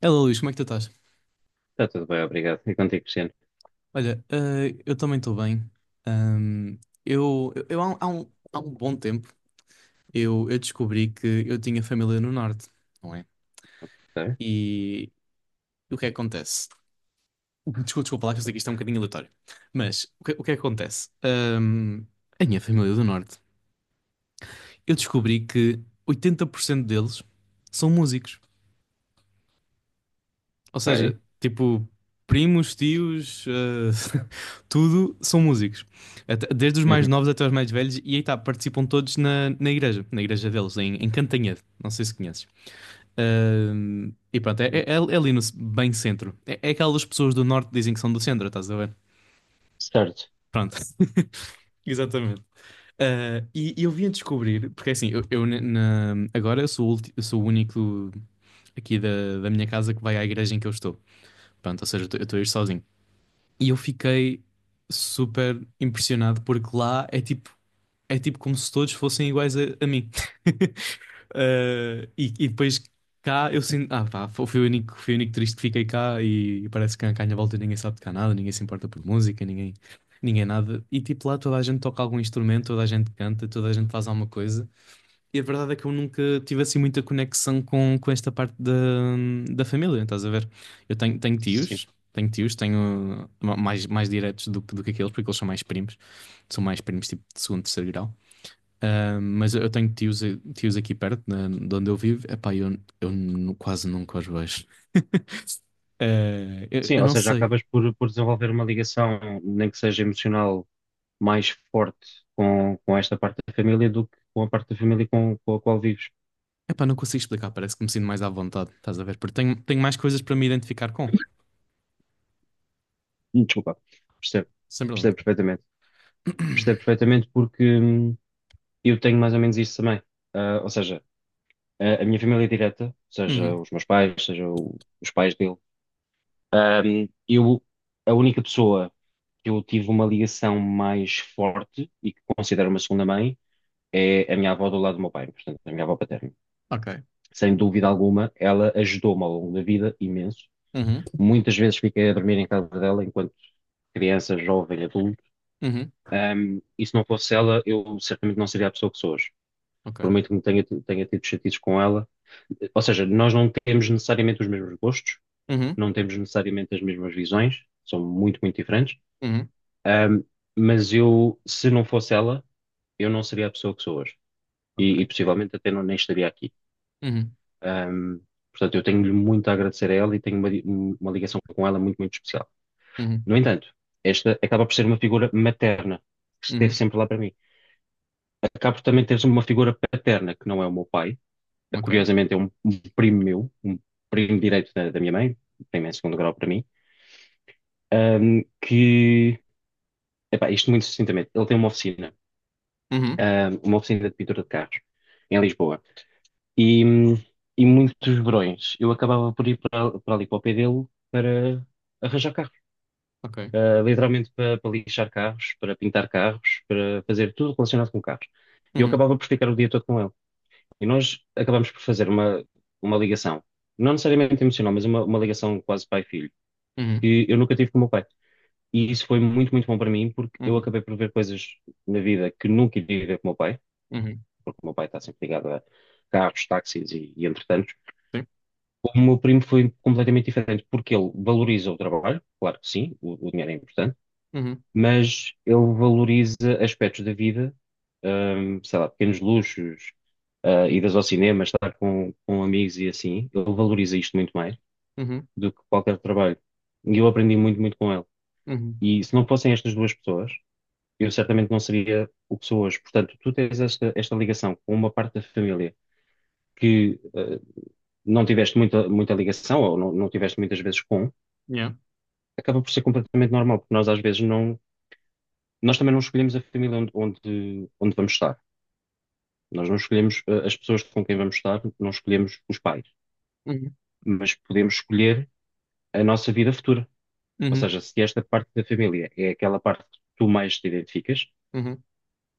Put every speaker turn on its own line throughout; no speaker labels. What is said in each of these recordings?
Hello, Luís, como é que tu estás?
Está tudo bem, obrigado. E contigo, Cristiano?
Olha, eu também estou bem. Ahm, eu há um bom tempo, eu descobri que eu tinha família no Norte, não é?
Ok.
E o que é que acontece? Desculpa, desculpa lá que eu sei que isto é um bocadinho aleatório. Mas o que é que acontece? A minha família é do Norte, eu descobri que 80% deles são músicos. Ou
Ok.
seja, tipo, primos, tios, tudo são músicos. Desde os mais
Uhum.
novos até os mais velhos, e aí tá, participam todos na igreja deles, em Cantanhede. Não sei se conheces. E pronto, é ali no bem centro. É aquelas pessoas do norte que dizem que são do centro, estás a ver?
Certo.
Pronto. Exatamente. Ah, e eu vim a descobrir, porque é assim, agora eu sou, eu sou o único aqui da minha casa que vai à igreja em que eu estou. Pronto, ou seja, eu estou a ir sozinho. E eu fiquei super impressionado porque lá é tipo como se todos fossem iguais a mim. E depois cá eu sinto, ah pá, fui o único triste que fiquei cá e, parece que cá à minha volta ninguém sabe tocar nada, ninguém se importa por música, ninguém, ninguém é nada. E tipo lá toda a gente toca algum instrumento, toda a gente canta, toda a gente faz alguma coisa. E a verdade é que eu nunca tive assim muita conexão com esta parte da família, estás a ver? Eu
Sim.
tenho tios, mais diretos do que aqueles, porque eles são mais primos tipo de segundo, terceiro grau. Ah, mas eu tenho tios, tios aqui perto, de onde eu vivo, epá, quase nunca os vejo. Ah,
Sim,
eu
ou
não
seja,
sei,
acabas por desenvolver uma ligação, nem que seja emocional, mais forte com esta parte da família do que com a parte da família com a qual vives.
epá, não consigo explicar, parece que me sinto mais à vontade, estás a ver? Porque tenho mais coisas para me identificar com,
Desculpa. Percebo.
sem problema.
Percebo perfeitamente. Percebo perfeitamente porque eu tenho mais ou menos isso também. Ou seja, a minha família é direta, seja
Uhum,
os meus pais, seja os pais dele. Ahm, eu, a única pessoa que eu tive uma ligação mais forte e que considero uma segunda mãe é a minha avó do lado do meu pai, portanto, a minha avó paterna.
ok.
Sem dúvida alguma, ela ajudou-me ao longo da vida imenso.
Uhum,
Muitas vezes fiquei a dormir em casa dela enquanto criança, jovem, adulto.
uhum,
E se não fosse ela, eu certamente não seria a pessoa que sou hoje.
ok.
Por muito que me tenha tido chatices com ela. Ou seja, nós não temos necessariamente os mesmos gostos,
Uhum.
não temos necessariamente as mesmas visões, são muito, muito diferentes.
Uhum,
Ahm, mas eu, se não fosse ela, eu não seria a pessoa que sou hoje. E,
ok.
e possivelmente até não, nem estaria aqui.
Uhum,
Ahm, portanto, eu tenho-lhe muito a agradecer a ela e tenho uma, uma ligação com ela muito, muito especial.
uhum,
No entanto, esta acaba por ser uma figura materna, que esteve
uhum,
sempre lá para mim. Acabo por também teres uma figura paterna, que não é o meu pai.
ok.
Curiosamente, é um primo meu, um primo direito da minha mãe, primo em segundo grau para mim, ahm, que, epá, isto muito sucintamente, ele tem uma oficina.
Uhum,
Uma oficina de pintura de carros em Lisboa. E, hum, e muitos verões eu acabava por ir para ali para o pé dele para arranjar carros.
ok.
Literalmente para lixar carros, para pintar carros, para fazer tudo relacionado com carros. E eu
Uhum,
acabava por ficar o dia todo com ele. E nós acabamos por fazer uma ligação, não necessariamente emocional, mas uma ligação quase pai-filho,
uhum,
que eu nunca tive com o meu pai. E isso foi muito, muito bom para mim, porque eu
uhum,
acabei por ver coisas na vida que nunca iria ver com o meu pai,
uhum,
porque o meu pai está sempre ligado a carros, táxis e entretantos.
sim.
O meu primo foi completamente diferente, porque ele valoriza o trabalho, claro que sim, o dinheiro é importante,
Uhum,
mas ele valoriza aspectos da vida, sei lá, pequenos luxos, idas ao cinema, estar com amigos e assim. Ele valoriza isto muito mais
uhum,
do que qualquer trabalho. E eu aprendi muito, muito com ele.
uhum,
E se não fossem estas duas pessoas, eu certamente não seria o que sou hoje. Portanto, tu tens esta, esta ligação com uma parte da família que não tiveste muita, muita ligação ou não tiveste muitas vezes com,
yeah.
acaba por ser completamente normal, porque nós às vezes não, nós também não escolhemos a família onde, onde vamos estar. Nós não escolhemos as pessoas com quem vamos estar, não escolhemos os pais,
Uhum,
mas podemos escolher a nossa vida futura. Ou
uhum,
seja, se esta parte da família é aquela parte que tu mais te identificas,
uhum,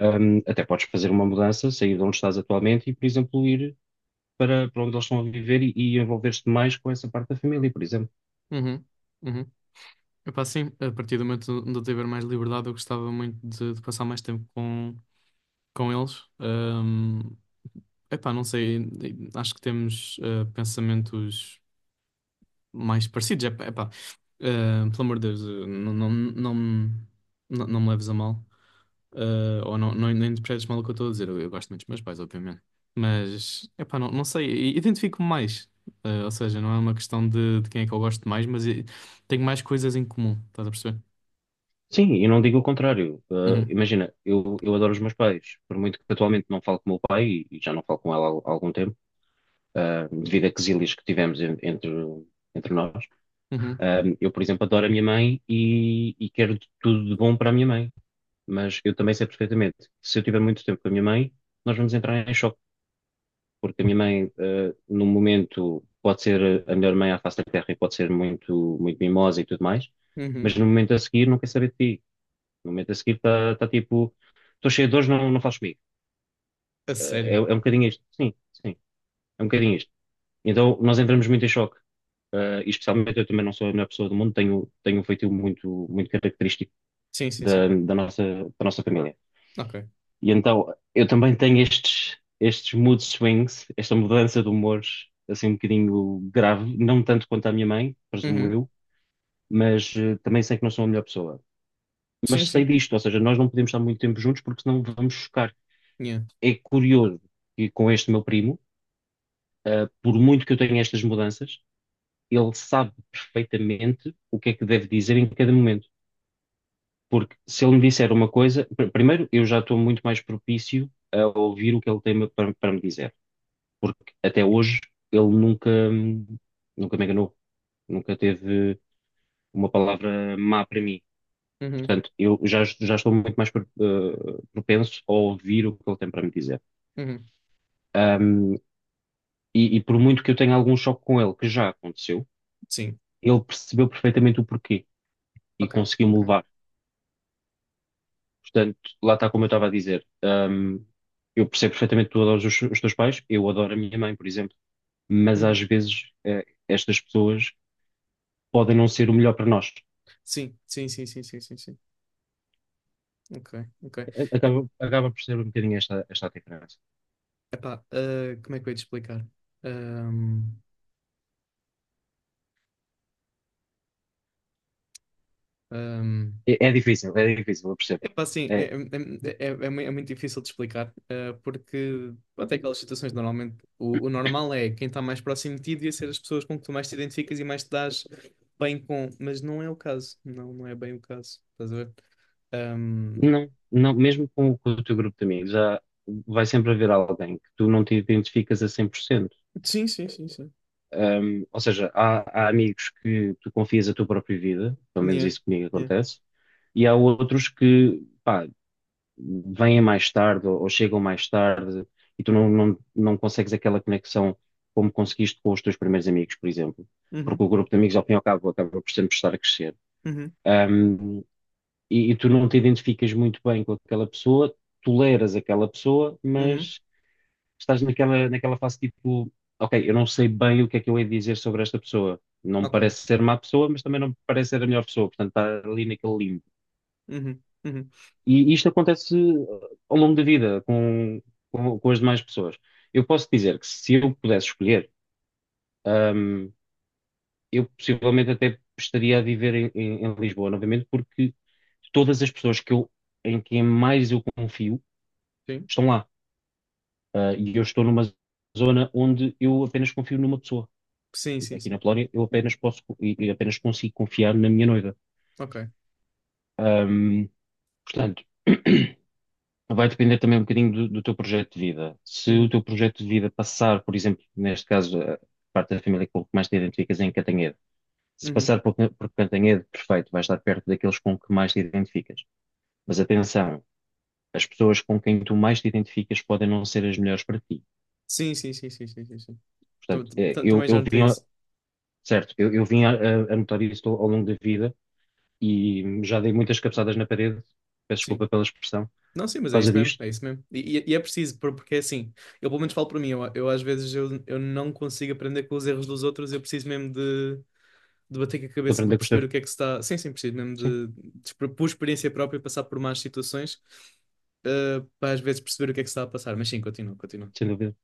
até podes fazer uma mudança, sair de onde estás atualmente e, por exemplo, ir para onde eles estão a viver e envolver-te mais com essa parte da família, por exemplo.
uhum, uhum. Epá, sim, a partir do momento onde eu tiver mais liberdade, eu gostava muito de passar mais tempo com eles. Epá, não sei, acho que temos pensamentos mais parecidos. Epá, epá, pelo amor de Deus, não, não me leves a mal. Ah, ou não interpretes mal o que eu estou a dizer. Eu gosto muito dos meus pais, obviamente. Mas, epá, não sei. Identifico-me mais. Ah, ou seja, não é uma questão de quem é que eu gosto mais, tenho mais coisas em comum. Estás a perceber?
Sim, e não digo o contrário.
Uhum.
Imagina, eu adoro os meus pais, por muito que atualmente não falo com o meu pai, e já não falo com ela há, algum tempo, devido a quezílias que tivemos entre nós.
Uhum.
Um, eu, por exemplo, adoro a minha mãe e quero de tudo de bom para a minha mãe, mas eu também sei perfeitamente que se eu tiver muito tempo com a minha mãe, nós vamos entrar em choque, porque a minha
Ok.
mãe, num momento, pode ser a melhor mãe à face da terra e pode ser muito, muito mimosa e tudo mais, mas
Uhum.
no momento a seguir não quer saber de ti, no momento a seguir está tipo, estou cheio de dores, não, não fales comigo.
A
É, é
sério?
um bocadinho isto. Sim, sim, é um bocadinho isto. Então nós entramos muito em choque. E especialmente eu também não sou a melhor pessoa do mundo, tenho um feitio muito, muito característico
Sim, sim,
da,
sim.
da nossa, da nossa família.
Ok.
E então eu também tenho estes, estes mood swings, esta mudança de humores, assim um bocadinho grave, não tanto quanto a minha mãe, presumo
Uhum.
eu, mas também sei que não sou a melhor pessoa.
Sim,
Mas sei
sim.
disto, ou seja, nós não podemos estar muito tempo juntos porque senão vamos chocar.
Yeah.
É curioso que com este meu primo, por muito que eu tenha estas mudanças, ele sabe perfeitamente o que é que deve dizer em cada momento. Porque se ele me disser uma coisa, primeiro, eu já estou muito mais propício a ouvir o que ele tem para me dizer. Porque até hoje ele nunca, nunca me enganou, nunca teve uma palavra má para mim.
Uhum.
Portanto, já estou muito mais propenso a ouvir o que ele tem para me dizer.
Uhum.
E por muito que eu tenha algum choque com ele, que já aconteceu,
Sim.
ele percebeu perfeitamente o porquê e
Ok,
conseguiu-me
ok.
levar. Portanto, lá está, como eu estava a dizer. Hum, eu percebo perfeitamente que tu adoras os teus pais, eu adoro a minha mãe, por exemplo, mas às
Uhum.
vezes estas pessoas podem não ser o melhor para nós.
Sim, sim, sim, sim, sim, sim, sim. Ok, ok. E-
Acaba por ser um bocadinho esta, esta a diferença.
Epá, ah, como é que eu ia te explicar? Ahm, ahm,
É, é difícil, eu percebo.
Epá, sim,
É,
é é muito difícil de explicar, porque até aquelas situações normalmente o normal é quem está mais próximo de ti devia ser as pessoas com que tu mais te identificas e mais te dás bem com, mas não é o caso, não é bem o caso, estás a ver? Ahm,
não, não, mesmo com o teu grupo de amigos, há, vai sempre haver alguém que tu não te identificas a 100%.
Sim, sim, sim, sim.
Um, ou seja, há amigos que tu confias a tua própria vida, pelo menos
Yeah,
isso comigo
yeah,
acontece, e há outros que, pá, vêm mais tarde ou chegam mais tarde e tu não consegues aquela conexão como conseguiste com os teus primeiros amigos, por exemplo, porque
uhum,
o grupo de amigos, ao fim e ao cabo, acaba por sempre estar a crescer.
uhum,
Um, e tu não te identificas muito bem com aquela pessoa, toleras aquela pessoa,
uhum,
mas estás naquela fase, tipo, ok, eu não sei bem o que é que eu hei de dizer sobre esta pessoa. Não me
ok,
parece ser má pessoa, mas também não me parece ser a melhor pessoa. Portanto, está ali naquele limbo.
uhum, uhum,
E isto acontece ao longo da vida com as demais pessoas. Eu posso dizer que se eu pudesse escolher, um, eu possivelmente até estaria a viver em Lisboa novamente, porque todas as pessoas em quem mais eu confio
sim,
estão lá. E eu estou numa zona onde eu apenas confio numa pessoa.
sim, sim,
Aqui
sim,
na Polónia, eu apenas posso e apenas consigo confiar na minha noiva.
ok,
Ahm, Portanto, vai depender também um bocadinho do teu projeto de vida. Se o
uhum,
teu projeto de vida passar, por exemplo, neste caso, a parte da família com que mais te identificas é em Cantanhede. Se
uhum,
passar por Cantanhede, perfeito, vais estar perto daqueles com que mais te identificas. Mas atenção, as pessoas com quem tu mais te identificas podem não ser as melhores para ti.
sim, sim, sim, sim, sim, sim, sim.
Portanto,
Também já notei isso,
certo, eu vim a notar isso ao longo da vida e já dei muitas cabeçadas na parede, peço
sim.
desculpa pela expressão,
Não, sim,
por
mas é
causa
isso mesmo, é
disto,
isso mesmo. E é preciso, porque é assim, eu pelo menos falo para mim, eu às vezes eu não consigo aprender com os erros dos outros, eu preciso mesmo de bater com a
de
cabeça para
aprender com os
perceber o que é
erros.
que se está. Sim, sim, preciso mesmo
Sim,
por experiência própria, passar por más situações, para às vezes perceber o que é que se está a passar. Mas sim, continua, continua.
sem dúvida.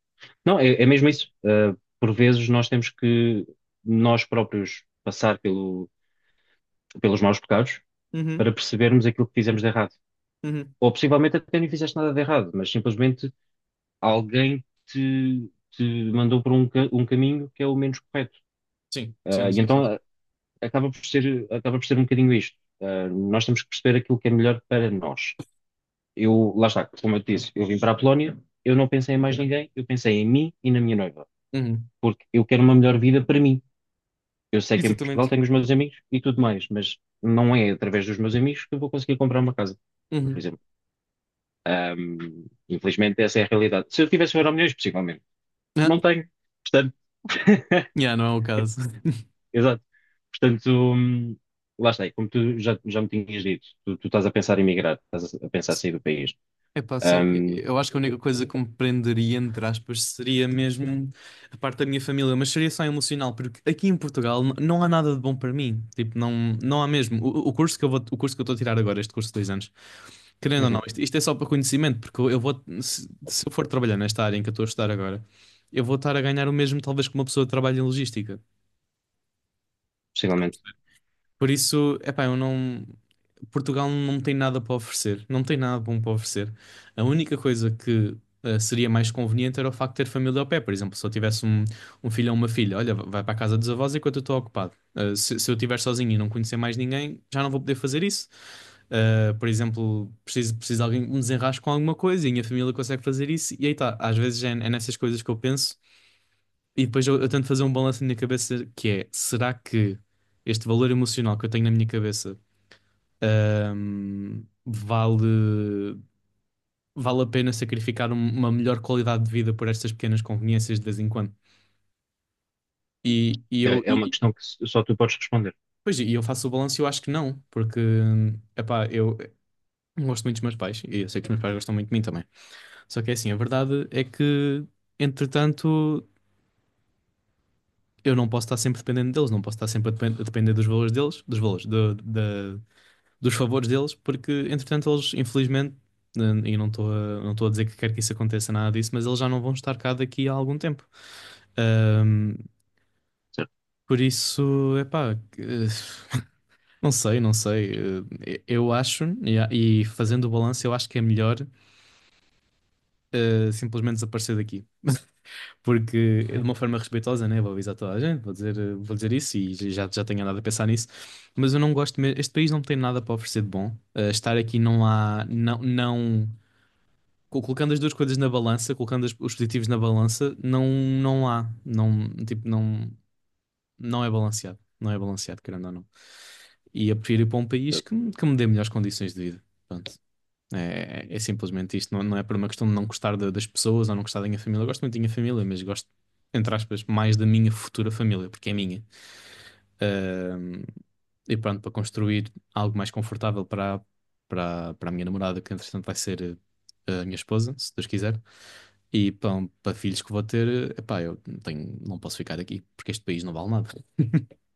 Não, é, é mesmo isso. Por vezes nós temos que nós próprios passar pelo, pelos maus pecados
Uhum,
para percebermos aquilo que fizemos de errado.
uhum.
Ou possivelmente até nem fizeste nada de errado, mas simplesmente alguém te mandou por um caminho que é o menos correto.
Sim,
Ah,
sim,
e
sim, sim.
então ah,
Sim.
acaba por ser um bocadinho isto. Ah, nós temos que perceber aquilo que é melhor para nós. Eu, lá está, como eu te disse, eu vim para a Polónia, eu não pensei em mais ninguém, eu pensei em mim e na minha noiva,
Uhum.
porque eu quero uma melhor vida para mim. Eu sei que em Portugal
Exatamente.
tenho os meus amigos e tudo mais, mas não é através dos meus amigos que eu vou conseguir comprar uma casa, por
Uhum.
exemplo. Infelizmente, essa é a realidade. Se eu tivesse um euro milhões, possivelmente.
Ah,
Não tenho. Portanto,
yeah, não é o caso.
exato. Portanto, lá está, e como tu já me tinhas dito, tu estás a pensar em migrar, estás a pensar em sair do país.
Epá, assim,
Ahm,
eu acho que a única coisa que me prenderia, entre aspas, seria mesmo a parte da minha família, mas seria só emocional, porque aqui em Portugal não há nada de bom para mim. Tipo, não, não há mesmo. O curso que eu vou, o curso que eu estou a tirar agora, este curso de 2 anos, querendo ou
uhum,
não, isto é só para conhecimento, porque eu vou, se eu for trabalhar nesta área em que eu estou a estudar agora, eu vou estar a ganhar o mesmo, talvez, que uma pessoa que trabalha em logística.
possivelmente.
Por isso, epá, eu não. Portugal não tem nada para oferecer, não tem nada bom para oferecer. A única coisa que seria mais conveniente era o facto de ter família ao pé, por exemplo, se eu tivesse um, um filho ou uma filha, olha, vai para a casa dos avós enquanto eu estou ocupado. Eh, se eu estiver sozinho e não conhecer mais ninguém, já não vou poder fazer isso. Por exemplo, preciso de alguém que me desenrasque com alguma coisa e a minha família consegue fazer isso. E aí tá, às vezes é nessas coisas que eu penso e depois eu tento fazer um balanço na minha cabeça que é, será que este valor emocional que eu tenho na minha cabeça Ahm, vale, vale a pena sacrificar uma melhor qualidade de vida por estas pequenas conveniências de vez em quando. E, e eu,
É, é
e,
uma
e-
questão que só tu podes responder,
Pois, e eu faço o balanço e eu acho que não, porque, epá, eu gosto muito dos meus pais e eu sei que os meus pais gostam muito de mim também. Só que é assim, a verdade é que, entretanto, eu não posso estar sempre dependendo deles, não posso estar sempre a depender dos valores deles, dos valores, do- da dos favores deles, porque entretanto eles, infelizmente, eh, e não estou a, não estou a dizer que quero que isso aconteça, nada disso, mas eles já não vão estar cá daqui a algum tempo. Ahm,
certo?
por isso, epá, não sei, não sei. Eu acho, e fazendo o balanço, eu acho que é melhor simplesmente desaparecer daqui. Porque de
Sim.
uma forma respeitosa, né? Vou avisar toda a gente, vou dizer, vou dizer isso e já, já tenho andado a pensar nisso. Mas eu não gosto mesmo. Este país não tem nada para oferecer de bom. Eh, estar aqui não há. Não, não. Colocando as duas coisas na balança, os positivos na balança, não, não há, não, tipo, não, não é balanceado, não é balanceado, querendo ou não. E eu prefiro ir para um país
Certo.
que me dê melhores condições de vida. Pronto. É simplesmente isto, não é por uma questão de não gostar das pessoas ou não gostar da minha família. Eu gosto muito da minha família, mas gosto, entre aspas, mais da minha futura família, porque é minha. Ahm, e pronto, para construir algo mais confortável para a minha namorada, que entretanto vai ser a minha esposa, se Deus quiser. E pão, para filhos que vou ter, epá, eu não tenho, não posso ficar aqui, porque este país não vale nada.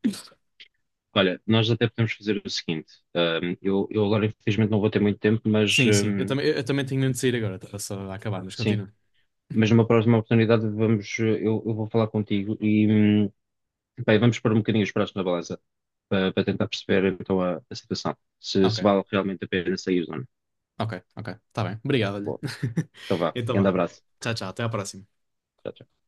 Olha, nós até podemos fazer o seguinte: eu agora infelizmente não vou ter muito tempo, mas
Sim, sim, eu também tenho mesmo de sair agora, estava só a acabar, mas
sim,
continua.
mas numa próxima oportunidade vamos, eu vou falar contigo e bem, vamos pôr um bocadinho os pratos na balança para tentar perceber então a situação, se,
Ok,
se vale realmente a pena sair ou não.
ok, ok, está bem, obrigado, olha.
Bom, então vá,
Então
grande
vá,
abraço.
tchau, tchau, até à próxima.
Tchau, tchau.